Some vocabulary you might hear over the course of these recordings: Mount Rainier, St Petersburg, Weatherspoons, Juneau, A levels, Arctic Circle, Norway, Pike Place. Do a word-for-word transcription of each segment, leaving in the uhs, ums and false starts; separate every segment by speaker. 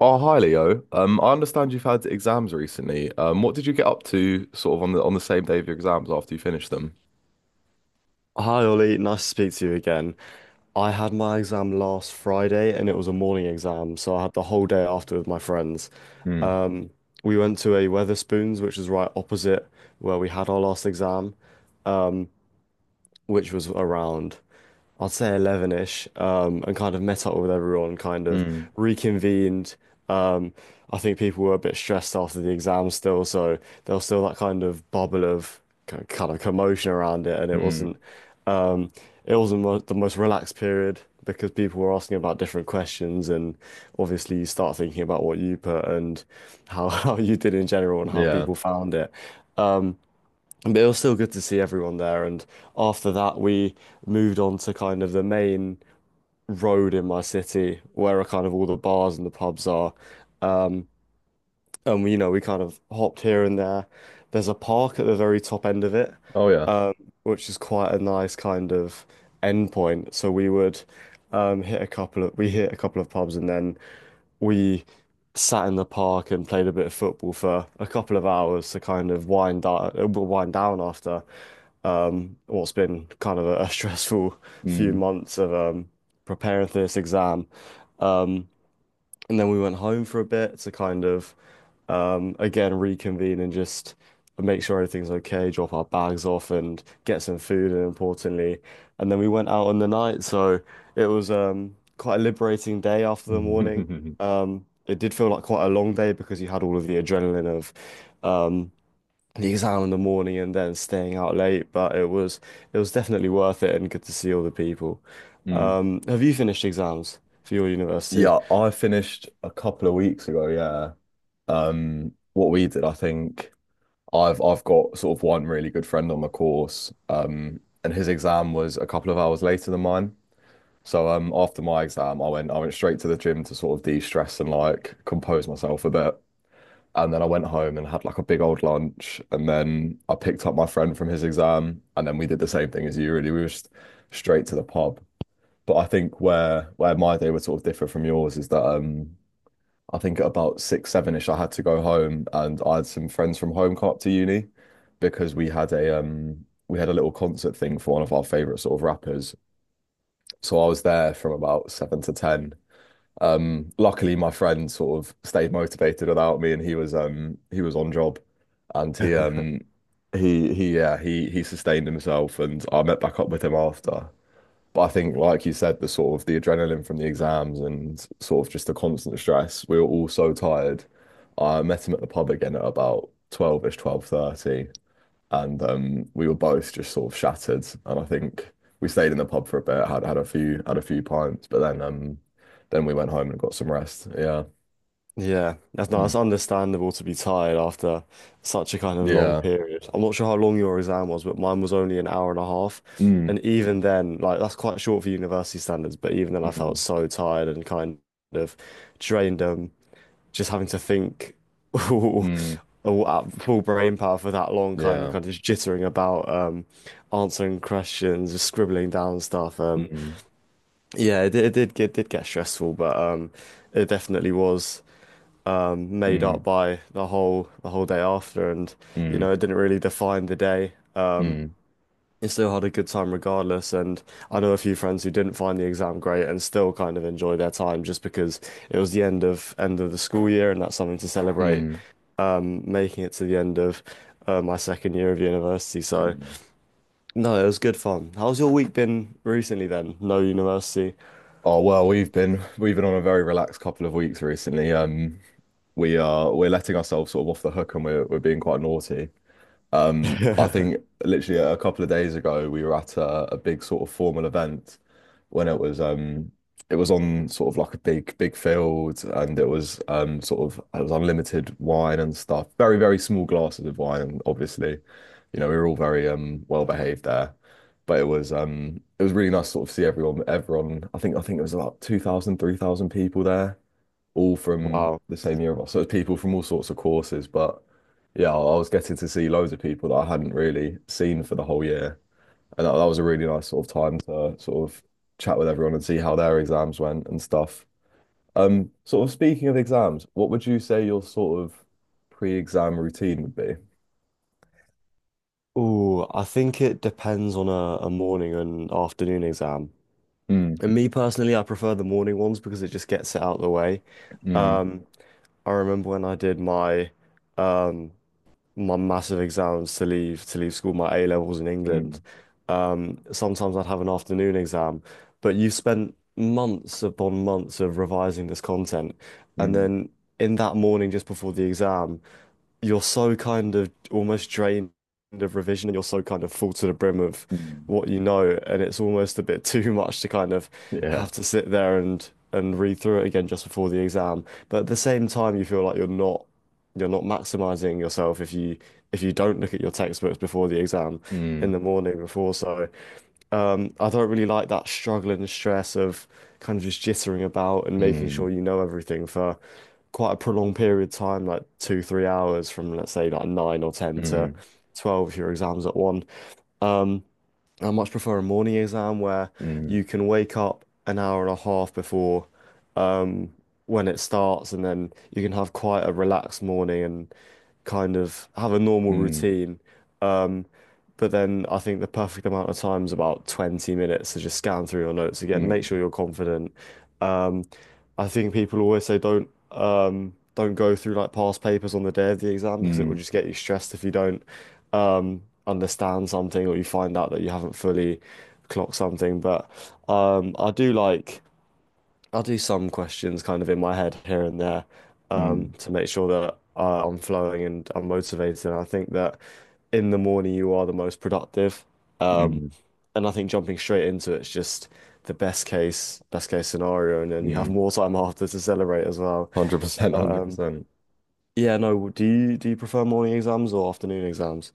Speaker 1: Oh, hi Leo. Um, I understand you've had exams recently. Um, what did you get up to sort of on the on the same day of your exams after you finished them?
Speaker 2: Hi Ollie, nice to speak to you again. I had my exam last Friday and it was a morning exam, so I had the whole day after with my friends.
Speaker 1: Mm.
Speaker 2: Um, we went to a Weatherspoons, which is right opposite where we had our last exam, which was around, I'd say eleven-ish-ish, um, and kind of met up with everyone, kind of
Speaker 1: Mm.
Speaker 2: reconvened. Um, I think people were a bit stressed after the exam still, so there was still that kind of bubble of k- kind of commotion around it, and it
Speaker 1: Mm.
Speaker 2: wasn't, um, it wasn't mo the most relaxed period because people were asking about different questions, and obviously you start thinking about what you put and how how you did in general and how
Speaker 1: Yeah.
Speaker 2: people found it. Um, but it was still good to see everyone there. And after that, we moved on to kind of the main road in my city where are kind of all the bars and the pubs are. Um, and we, you know, we kind of hopped here and there. There's a park at the very top end of it,
Speaker 1: Oh, yeah.
Speaker 2: um, which is quite a nice kind of end point. So we would um, hit a couple of we hit a couple of pubs and then we sat in the park and played a bit of football for a couple of hours to kind of wind down, wind down after um, what's been kind of a, a stressful few
Speaker 1: Mm.
Speaker 2: months of um, preparing for this exam. Um, and then we went home for a bit to kind of, um, again, reconvene and just make sure everything's okay, drop our bags off and get some food and importantly. And then we went out on the night. So it was um, quite a liberating day after the morning. Um, it did feel like quite a long day because you had all of the adrenaline of um, the exam in the morning and then staying out late. But it was it was definitely worth it and good to see all the people.
Speaker 1: Mm.
Speaker 2: Um, have you finished exams for your university?
Speaker 1: Yeah, I finished a couple of weeks ago, yeah. Um, what we did, I think I've I've got sort of one really good friend on the course, um, and his exam was a couple of hours later than mine. So um after my exam I went I went straight to the gym to sort of de-stress and like compose myself a bit. And then I went home and had like a big old lunch. And then I picked up my friend from his exam. And then we did the same thing as you, really. We were just straight to the pub. But I think where where my day would sort of differ from yours is that um I think at about six, seven-ish, I had to go home and I had some friends from home come up to uni because we had a um we had a little concert thing for one of our favorite sort of rappers. So I was there from about seven to ten. Um, luckily, my friend sort of stayed motivated without me, and he was um he was on job, and he um he he yeah he he sustained himself, and I met back up with him after. But I think, like you said, the sort of the adrenaline from the exams and sort of just the constant stress, we were all so tired. I met him at the pub again at about twelve-ish, twelve thirty, and um, we were both just sort of shattered. And I think we stayed in the pub for a bit, had had a few had a few pints, but then um, then we went home and got some rest. Yeah.
Speaker 2: Yeah, that's no,
Speaker 1: Mm.
Speaker 2: that's understandable to be tired after such a kind of long
Speaker 1: Yeah.
Speaker 2: period. I'm not sure how long your exam was, but mine was only an hour and a half.
Speaker 1: Mm.
Speaker 2: And even then, like that's quite short for university standards, but even then I felt
Speaker 1: Mm.
Speaker 2: so tired and kind of drained um just having to think all,
Speaker 1: Mm.
Speaker 2: all at full brain power for that long, kind of
Speaker 1: Yeah.
Speaker 2: kind of just jittering about um answering questions, just scribbling down stuff. Um
Speaker 1: Mm.
Speaker 2: yeah, it, did- it did get did get stressful, but um it definitely was made up
Speaker 1: Mm.
Speaker 2: by the whole the whole day after and you
Speaker 1: Mm.
Speaker 2: know it didn't really define the day.
Speaker 1: Mm.
Speaker 2: You still had a good time regardless and I know a few friends who didn't find the exam great and still kind of enjoy their time just because it was the end of end of the school year and that's something to celebrate.
Speaker 1: Mm.
Speaker 2: Um, making it to the end of uh, my second year of university, so
Speaker 1: Mm.
Speaker 2: no, it was good fun. How's your week been recently then? No university.
Speaker 1: Oh well, we've been we've been on a very relaxed couple of weeks recently. Um, we are we're letting ourselves sort of off the hook, and we're we're being quite naughty. Um, I think literally a couple of days ago we were at a, a big sort of formal event when it was um it was on sort of like a big big field and it was um sort of it was unlimited wine and stuff. Very, very small glasses of wine, and obviously, you know, we were all very um well behaved there. But it was um it was really nice to sort of see everyone. everyone I think I think it was about two thousand, three thousand people there, all from
Speaker 2: Wow.
Speaker 1: the same year of us. So it was people from all sorts of courses, but yeah, I I was getting to see loads of people that I hadn't really seen for the whole year. And that, that was a really nice sort of time to sort of chat with everyone and see how their exams went and stuff. Um, sort of speaking of exams, what would you say your sort of pre-exam routine would be?
Speaker 2: Ooh, I think it depends on a, a morning and afternoon exam.
Speaker 1: Mm.
Speaker 2: And me personally, I prefer the morning ones because it just gets it out of the way.
Speaker 1: Mm.
Speaker 2: Um, I remember when I did my um, my massive exams to leave to leave school, my A levels in England.
Speaker 1: Mm.
Speaker 2: Um, sometimes I'd have an afternoon exam, but you spent months upon months of revising this content, and
Speaker 1: Mm.
Speaker 2: then in that morning just before the exam, you're so kind of almost drained of revision, and you're so kind of full to the brim of
Speaker 1: Mm.
Speaker 2: what you know, and it's almost a bit too much to kind of
Speaker 1: Yeah.
Speaker 2: have to sit there and and read through it again just before the exam. But at the same time, you feel like you're not you're not maximizing yourself if you if you don't look at your textbooks before the exam in
Speaker 1: Mm.
Speaker 2: the morning before. So um, I don't really like that struggle and stress of kind of just jittering about and making
Speaker 1: Mm.
Speaker 2: sure you know everything for quite a prolonged period of time, like two, three hours from let's say like nine or ten to
Speaker 1: Mm.
Speaker 2: twelve if your exam's at one. Um, I much prefer a morning exam where
Speaker 1: Mm.
Speaker 2: you can wake up an hour and a half before um, when it starts, and then you can have quite a relaxed morning and kind of have a normal
Speaker 1: Mm.
Speaker 2: routine. Um, but then I think the perfect amount of time is about twenty minutes to just scan through your notes again, make sure
Speaker 1: Mm.
Speaker 2: you're confident. Um, I think people always say don't um, don't go through like past papers on the day of the exam
Speaker 1: Mm.
Speaker 2: because it will
Speaker 1: Mm.
Speaker 2: just get you stressed if you don't um, understand something or you find out that you haven't fully clocked something. But um, I do like. I'll do some questions kind of in my head here and there um,
Speaker 1: Mm.
Speaker 2: to make sure that uh, I'm flowing and I'm motivated. And I think that in the morning you are the most productive. Um,
Speaker 1: Mm.
Speaker 2: and I think jumping straight into it's just the best case, best case scenario. And then you have
Speaker 1: Mm.
Speaker 2: more time after to celebrate as well.
Speaker 1: one hundred percent,
Speaker 2: But um,
Speaker 1: one hundred percent.
Speaker 2: yeah, no, do you do you prefer morning exams or afternoon exams?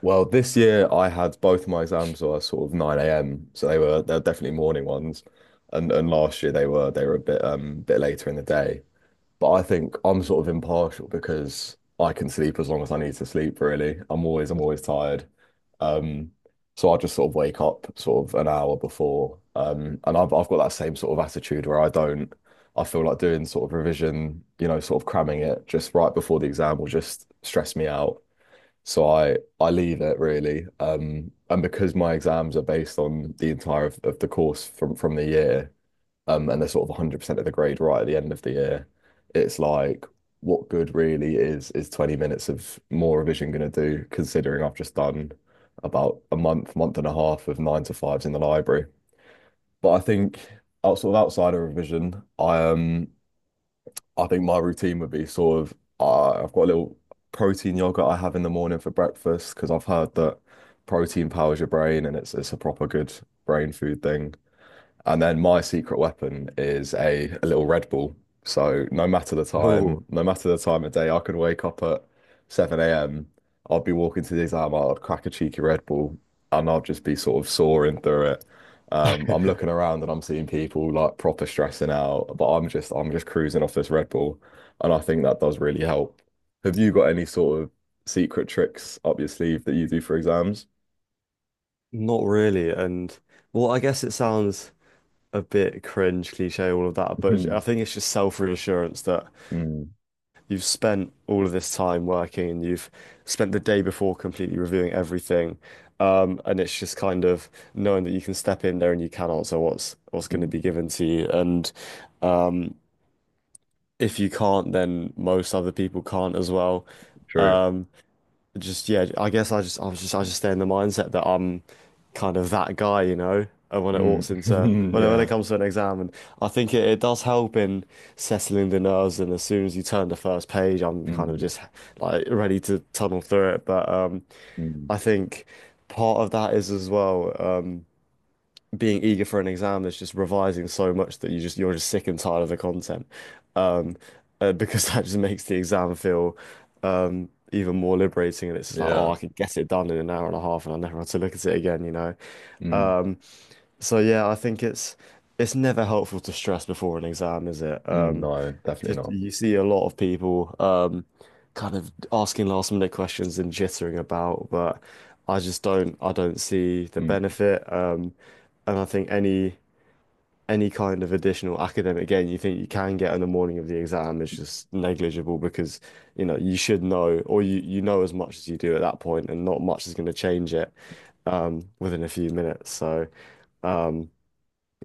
Speaker 1: Well, this year I had both of my exams were sort of nine a m. So they were they're definitely morning ones. And and last year they were they were a bit um bit later in the day. But I think I'm sort of impartial because I can sleep as long as I need to sleep, really. I'm always I'm always tired. Um so I just sort of wake up sort of an hour before. Um and I've I've got that same sort of attitude where I don't, I feel like doing sort of revision, you know, sort of cramming it just right before the exam will just stress me out. So I I leave it really, um, and because my exams are based on the entire of, of the course from from the year, um, and they're sort of one hundred percent of the grade right at the end of the year, it's like what good really is is twenty minutes of more revision going to do, considering I've just done about a month, month and a half of nine to fives in the library. But I think out sort of outside of revision, I um I think my routine would be sort of uh, I've got a little protein yogurt I have in the morning for breakfast because I've heard that protein powers your brain and it's it's a proper good brain food thing. And then my secret weapon is a, a little Red Bull. So no matter the
Speaker 2: Oh,
Speaker 1: time, no matter the time of day, I can wake up at seven a m. I'll be walking to the exam, I'll crack a cheeky Red Bull and I'll just be sort of soaring through it. Um, I'm looking around and I'm seeing people like proper stressing out, but I'm just I'm just cruising off this Red Bull. And I think that does really help. Have you got any sort of secret tricks up your sleeve that you do for exams?
Speaker 2: not really. And well, I guess it sounds a bit cringe, cliche, all of that, but I think it's just self-reassurance that
Speaker 1: Mm.
Speaker 2: you've spent all of this time working and you've spent the day before completely reviewing everything. Um, and it's just kind of knowing that you can step in there and you can answer what's what's going to be
Speaker 1: Mm.
Speaker 2: given to you. And um, if you can't, then most other people can't as well.
Speaker 1: True.
Speaker 2: Um, just yeah, I guess I just I was just I just stay in the mindset that I'm kind of that guy, you know. And when it
Speaker 1: Mm.
Speaker 2: walks into when it, when it
Speaker 1: Yeah.
Speaker 2: comes to an exam, and I think it, it does help in settling the nerves. And as soon as you turn the first page, I'm kind of
Speaker 1: Mm.
Speaker 2: just like ready to tunnel through it. But um,
Speaker 1: Mm.
Speaker 2: I think part of that is as well. Um, being eager for an exam that's just revising so much that you just you're just sick and tired of the content. Um, uh, because that just makes the exam feel um even more liberating and it's just like, oh,
Speaker 1: Yeah.
Speaker 2: I could get it done in an hour and a half and I never have to look at it again, you know.
Speaker 1: Mm.
Speaker 2: Um, so yeah, I think it's it's never helpful to stress before an exam, is it?
Speaker 1: Mm.
Speaker 2: Um,
Speaker 1: No, definitely
Speaker 2: just-
Speaker 1: not.
Speaker 2: you see a lot of people um, kind of asking last minute questions and jittering about, but I just don't I don't see the
Speaker 1: Mm.
Speaker 2: benefit. Um, and I think any any kind of additional academic gain you think you can get on the morning of the exam is just negligible because you know you should know or you you know as much as you do at that point, and not much is going to change it um, within a few minutes. So. Um,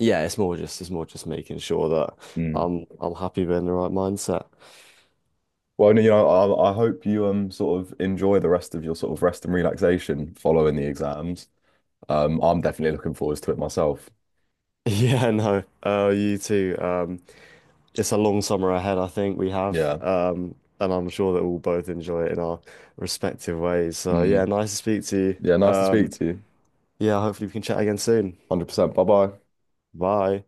Speaker 2: yeah, it's more just it's more just making sure that
Speaker 1: Mm.
Speaker 2: I'm I'm happy being in the right mindset.
Speaker 1: Well, you know, I, I hope you um sort of enjoy the rest of your sort of rest and relaxation following the exams. Um, I'm definitely looking forward to it myself.
Speaker 2: Yeah, no. Uh, you too. Um, it's a long summer ahead, I think we have.
Speaker 1: Yeah.
Speaker 2: Um, and I'm sure that we'll both enjoy it in our respective ways. So yeah,
Speaker 1: Mm.
Speaker 2: nice to speak to
Speaker 1: Yeah,
Speaker 2: you.
Speaker 1: nice to speak
Speaker 2: Um,
Speaker 1: to you.
Speaker 2: yeah, hopefully we can chat again soon.
Speaker 1: one hundred percent. Bye bye.
Speaker 2: Bye.